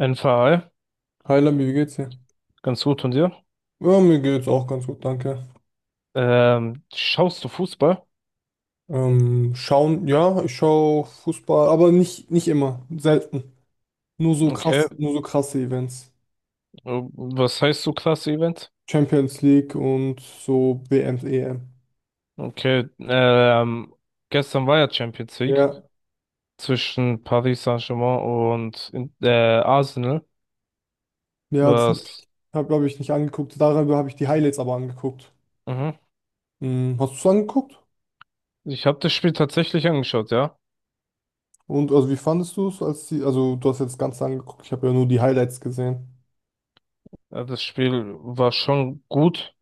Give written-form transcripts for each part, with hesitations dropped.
NVA, Hi Labi, wie geht's dir? ganz gut von dir. Ja, mir geht's auch ganz gut, danke. Schaust du Fußball? Schauen, ja, ich schaue Fußball, aber nicht immer, selten. Nur so Okay. krass, nur so krasse Events. Was heißt so klasse Event? Champions League und so WM, EM. Okay. Gestern war ja Champions League Ja, zwischen Paris Saint-Germain und Arsenal. ja, das habe ich, Was? hab, glaube ich, nicht angeguckt. Darüber habe ich die Highlights aber angeguckt. Mhm. Hm, hast du es angeguckt? Ich habe das Spiel tatsächlich angeschaut, ja. Und also wie fandest du es, als die, also du hast jetzt das Ganze angeguckt, ich habe ja nur die Highlights gesehen. Das Spiel war schon gut,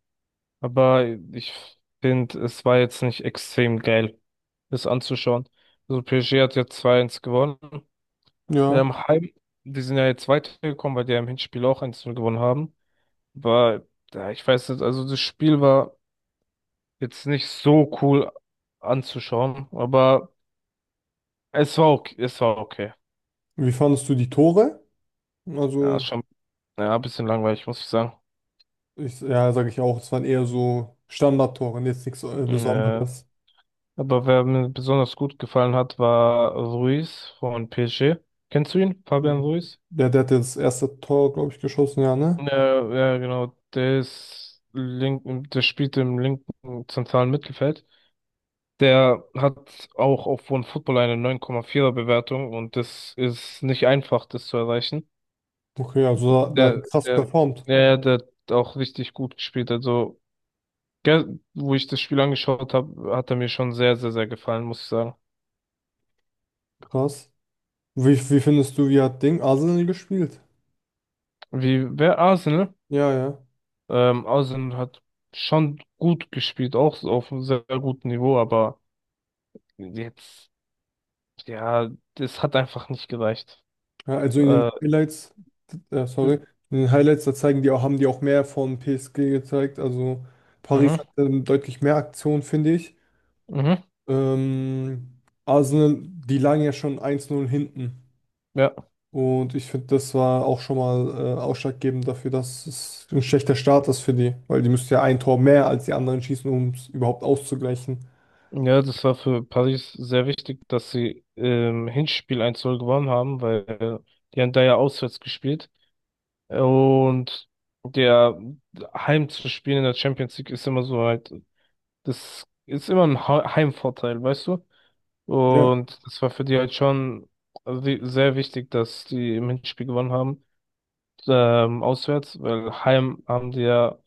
aber ich finde, es war jetzt nicht extrem geil, das anzuschauen. Also PSG hat ja 2-1 gewonnen. Ja. Heim, die sind ja jetzt weitergekommen, weil die ja im Hinspiel auch 1-0 gewonnen haben. War, ja, ich weiß nicht, also das Spiel war jetzt nicht so cool anzuschauen, aber es war okay, es war okay. Wie fandest du die Tore? Ja, ist Also. schon, ja, ein bisschen langweilig, muss ich sagen. Ich, ja, sage ich auch, es waren eher so Standardtore, jetzt nichts Äh, Besonderes. aber wer mir besonders gut gefallen hat, war Ruiz von PSG. Kennst du ihn, Fabian Mhm. Ruiz? Der hat jetzt das erste Tor, glaube ich, geschossen, ja, ne? Ja, ja, genau. Der ist link, der spielt im linken zentralen Mittelfeld. Der hat auch auf OneFootball eine 9,4er Bewertung und das ist nicht einfach, das zu erreichen. Okay, also der hat Der, krass der, performt. der hat auch richtig gut gespielt. Also, gell, wo ich das Spiel angeschaut habe, hat er mir schon sehr, sehr, sehr gefallen, muss ich sagen. Krass. Wie findest du, wie hat Ding Arsenal gespielt? Wie, wer Arsenal? Ja, ja. Arsenal hat schon gut gespielt, auch so auf einem sehr gutem Niveau, aber jetzt, ja, das hat einfach nicht gereicht. Ja, also in den Äh, Highlights, äh, sorry, in den Highlights, da zeigen die auch, haben die auch mehr von PSG gezeigt. Also Paris mhm, hat deutlich mehr Aktionen, finde ich. mhm, Arsenal, die lagen ja schon eins null hinten. ja. Und ich finde, das war auch schon mal ausschlaggebend dafür, dass es ein schlechter Start ist für die, weil die müssten ja ein Tor mehr als die anderen schießen, um es überhaupt auszugleichen. Ja, das war für Paris sehr wichtig, dass sie im Hinspiel 1-0 gewonnen haben, weil die haben da ja auswärts gespielt. Und der Heim zu spielen in der Champions League ist immer so halt, das ist immer ein Heimvorteil, weißt du? Ja. Und das war für die halt schon sehr wichtig, dass die im Hinspiel gewonnen haben, auswärts, weil Heim haben die ja,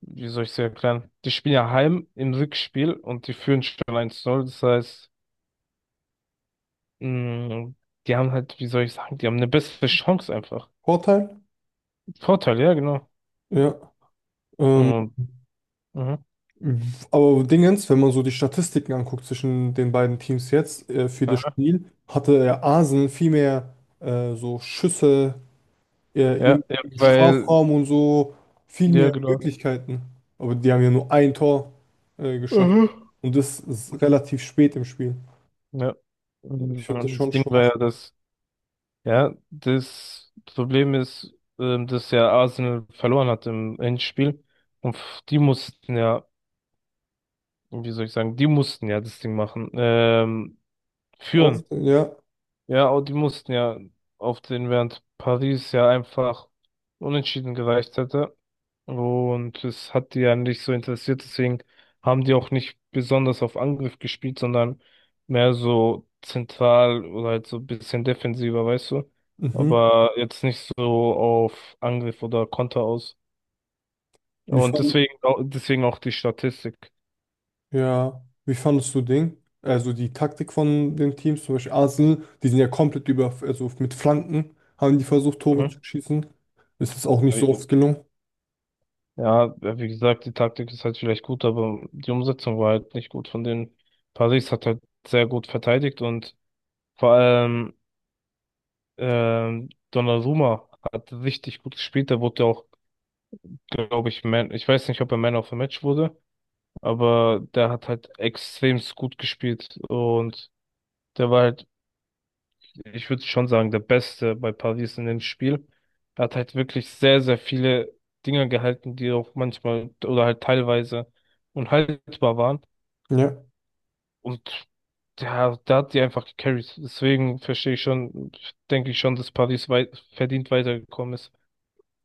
wie soll ich es erklären, die spielen ja Heim im Rückspiel und die führen schon 1-0, das heißt, mh, die haben halt, wie soll ich sagen, die haben eine bessere Chance einfach. Vorteil? Vorteil, ja, genau. Ja. Ähm, Mhm. Mhm. aber Dingens, wenn man so die Statistiken anguckt zwischen den beiden Teams jetzt für das Aha. Spiel, hatte ja Arsenal viel mehr so Schüsse Ja, ja, im weil, Strafraum und so, viel ja, mehr genau. Möglichkeiten. Aber die haben ja nur ein Tor geschossen Mhm. und das ist relativ spät im Spiel. Ja. Ich Mhm. finde das Das schon Ding war schwach. ja, dass, ja, das Problem ist, dass ja Arsenal verloren hat im Endspiel. Und die mussten ja, wie soll ich sagen, die mussten ja das Ding machen, führen. Auf, ja. Ja, und die mussten ja auf den, während Paris ja einfach unentschieden gereicht hätte. Und es hat die ja nicht so interessiert, deswegen haben die auch nicht besonders auf Angriff gespielt, sondern mehr so zentral oder halt so ein bisschen defensiver, weißt du? Mhm. Aber jetzt nicht so auf Angriff oder Konter aus. Wie Und fand, deswegen, deswegen auch die Statistik. ja. Wie fandest du Ding? Also die Taktik von den Teams, zum Beispiel Arsenal, die sind ja komplett über, also mit Flanken haben die versucht, Tore zu Mhm. schießen. Es ist auch nicht so oft gelungen. Ja, ja, wie gesagt, die Taktik ist halt vielleicht gut, aber die Umsetzung war halt nicht gut von den. Paris hat halt sehr gut verteidigt und vor allem Donnarumma hat richtig gut gespielt. Der wurde ja auch, glaube ich, Man, ich weiß nicht, ob er Man of the Match wurde, aber der hat halt extremst gut gespielt und der war halt, ich würde schon sagen, der Beste bei Paris in dem Spiel. Er hat halt wirklich sehr, sehr viele Dinger gehalten, die auch manchmal oder halt teilweise unhaltbar waren Ja. und der hat die einfach gecarried. Deswegen verstehe ich schon, denke ich schon, dass Paris verdient weitergekommen ist.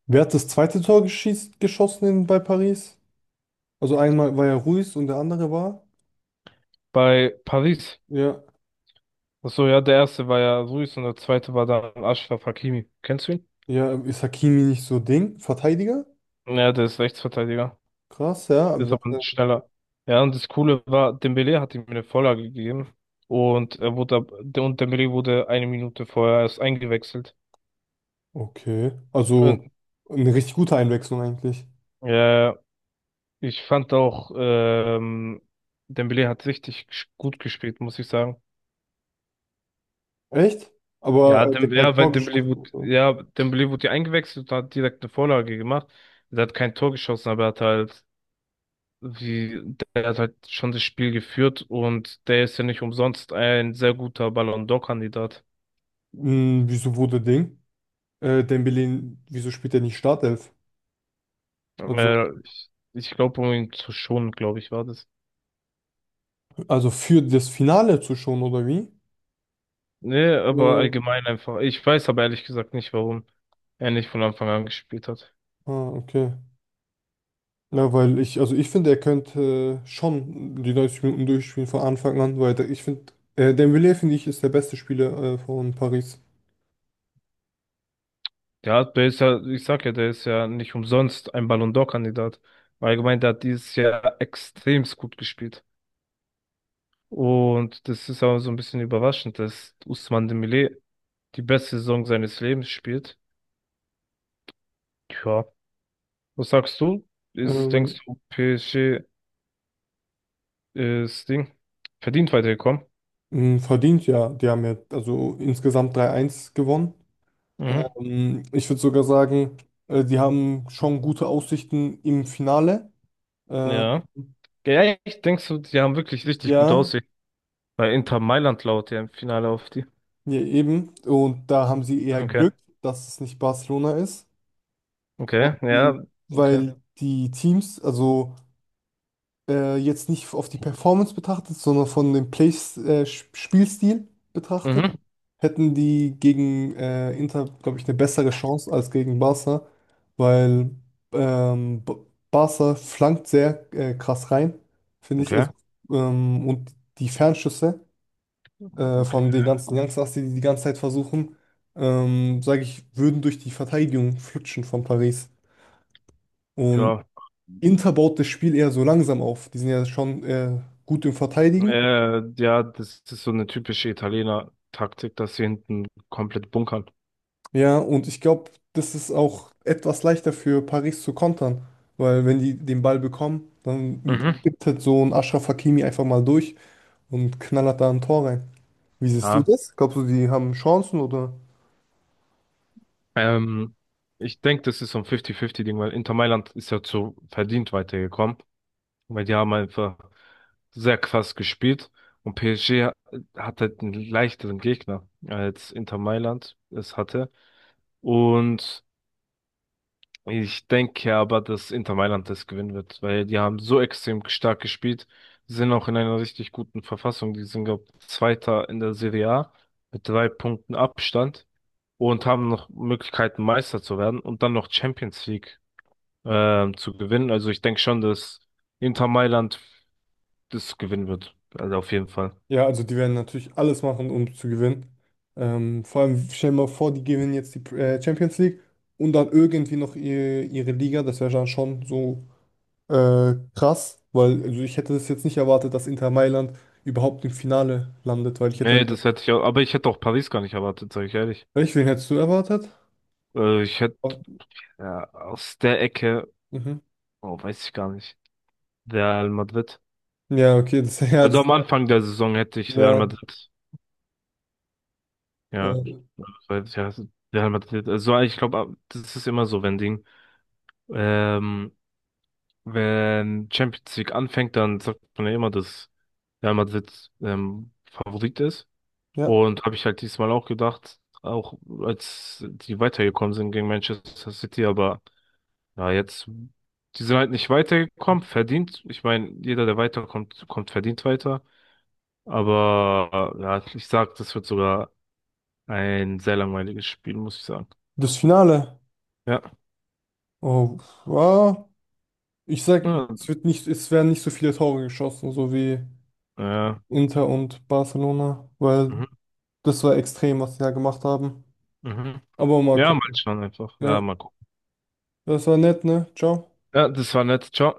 Wer hat das zweite Tor geschossen bei Paris? Also einmal war ja Ruiz und der andere war. Bei Paris. Ja. Ach so, ja, der erste war ja Ruiz und der zweite war dann Ashraf Hakimi. Kennst du ihn? Ja, ist Hakimi nicht so Ding? Verteidiger? Ja, der ist Rechtsverteidiger. Krass, ja. Ist Also, aber schneller. Ja, und das Coole war, Dembélé hat ihm eine Vorlage gegeben. Und er wurde, und Dembélé wurde 1 Minute vorher erst eingewechselt. okay. Also Und, eine richtig gute Einwechslung eigentlich. äh, ich fand auch, Dembélé hat richtig gut gespielt, muss ich sagen. Echt? Aber Ja, er hat ja kein ja, weil Tor geschossen. Dembélé wurde ja eingewechselt und hat direkt eine Vorlage gemacht. Er hat kein Tor geschossen, aber er hat halt wie, der hat halt schon das Spiel geführt und der ist ja nicht umsonst ein sehr guter Ballon d'Or-Kandidat. Hm, wieso wurde Ding? Dembele, wieso spielt er nicht Startelf? Also, Ich glaube, um ihn zu schonen, glaube ich, war das. also für das Finale zu schon, oder wie? Nee, aber Äh, allgemein einfach. Ich weiß aber ehrlich gesagt nicht, warum er nicht von Anfang an gespielt hat. Okay. Ja, weil ich, also ich finde, er könnte schon die 90 Minuten durchspielen von Anfang an, ich finde, Dembele, finde ich, ist der beste Spieler von Paris. Ja, der ist ja, ich sag ja, der ist ja nicht umsonst ein Ballon d'Or-Kandidat. Allgemein, der hat dieses Jahr extremst gut gespielt. Und das ist auch so ein bisschen überraschend, dass Ousmane Dembélé die beste Saison seines Lebens spielt. Ja. Was sagst du? Ist, denkst Ähm, du, PSG ist Ding verdient weitergekommen? mh, verdient ja, die haben ja also insgesamt 3-1 gewonnen. Mhm. Ich würde sogar sagen, die haben schon gute Aussichten im Finale. Ähm, Ja. Ja, echt? Denkst du, die haben wirklich richtig gut ja, aussehen? Weil Inter Mailand laut ja im Finale auf die. ja, eben. Und da haben sie eher Okay. Glück, dass es nicht Barcelona ist. Okay. Mhm. Ja. Okay. Weil die Teams, also jetzt nicht auf die Performance betrachtet, sondern von dem Spielstil betrachtet. Mhm. Hätten die gegen Inter, glaube ich, eine bessere Chance als gegen Barca, weil ähm, B- Barca flankt sehr krass rein, finde ich. Okay. Also, und die Fernschüsse Okay. von den ganzen Youngsters, die die ganze Zeit versuchen, sage ich, würden durch die Verteidigung flutschen von Paris. Und Ja. Inter baut das Spiel eher so langsam auf. Die sind ja schon gut im Verteidigen. Ja, das ist so eine typische Italiener-Taktik, dass sie hinten komplett bunkern. Ja, und ich glaube, das ist auch etwas leichter für Paris zu kontern, weil wenn die den Ball bekommen, dann Mhm. gibt halt so ein Achraf Hakimi einfach mal durch und knallert da ein Tor rein. Wie siehst du Ja. das? Glaubst du, die haben Chancen oder? Ähm, Ich denke, das ist so ein 50-50-Ding, weil Inter Mailand ist ja zu verdient weitergekommen, weil die haben einfach sehr krass gespielt. Und PSG hat halt einen leichteren Gegner als Inter Mailand es hatte. Und ich denke aber, dass Inter Mailand das gewinnen wird, weil die haben so extrem stark gespielt, sind auch in einer richtig guten Verfassung. Die sind, glaube ich, Zweiter in der Serie A mit 3 Punkten Abstand und haben noch Möglichkeiten, Meister zu werden und dann noch Champions League zu gewinnen. Also ich denke schon, dass Inter Mailand das gewinnen wird. Also auf jeden Fall. Ja, also die werden natürlich alles machen, um zu gewinnen. Vor allem, stell dir mal vor, die gewinnen jetzt die Champions League und dann irgendwie noch ihre Liga. Das wäre dann schon so krass, weil also ich hätte das jetzt nicht erwartet, dass Inter Mailand überhaupt im Finale landet, weil ich hätte. Nee, das hätte ich auch, aber ich hätte auch Paris gar nicht erwartet, sage ich ehrlich. Echt, wen hättest du erwartet? Ich hätte Auf, ja, aus der Ecke, mhm. oh, weiß ich gar nicht, Real Madrid. Ja, okay, das, ja, Also das, am Anfang der Saison hätte ich Real ja, Madrid, ja, äh, ja Real Madrid. Also ich glaube, das ist immer so, wenn Ding, ähm, wenn Champions League anfängt, dann sagt man ja immer, dass Real Madrid Favorit ist. ja, Und habe ich halt diesmal auch gedacht, auch als die weitergekommen sind gegen Manchester City, aber ja, jetzt, die sind halt nicht weitergekommen, verdient. Ich meine, jeder, der weiterkommt, kommt verdient weiter. Aber ja, ich sag, das wird sogar ein sehr langweiliges Spiel, muss ich sagen. das Finale. Ja. Oh, ja, ich sag, es Ja. wird nicht, es werden nicht so viele Tore geschossen, so wie Ja, Inter und Barcelona, weil mhm, das war extrem, was sie da gemacht haben. mhm. Aber mal Ja, mal gucken. schauen einfach. Ja, Ja, mal gucken. das war nett, ne? Ciao. Ja, das war nett. Ciao.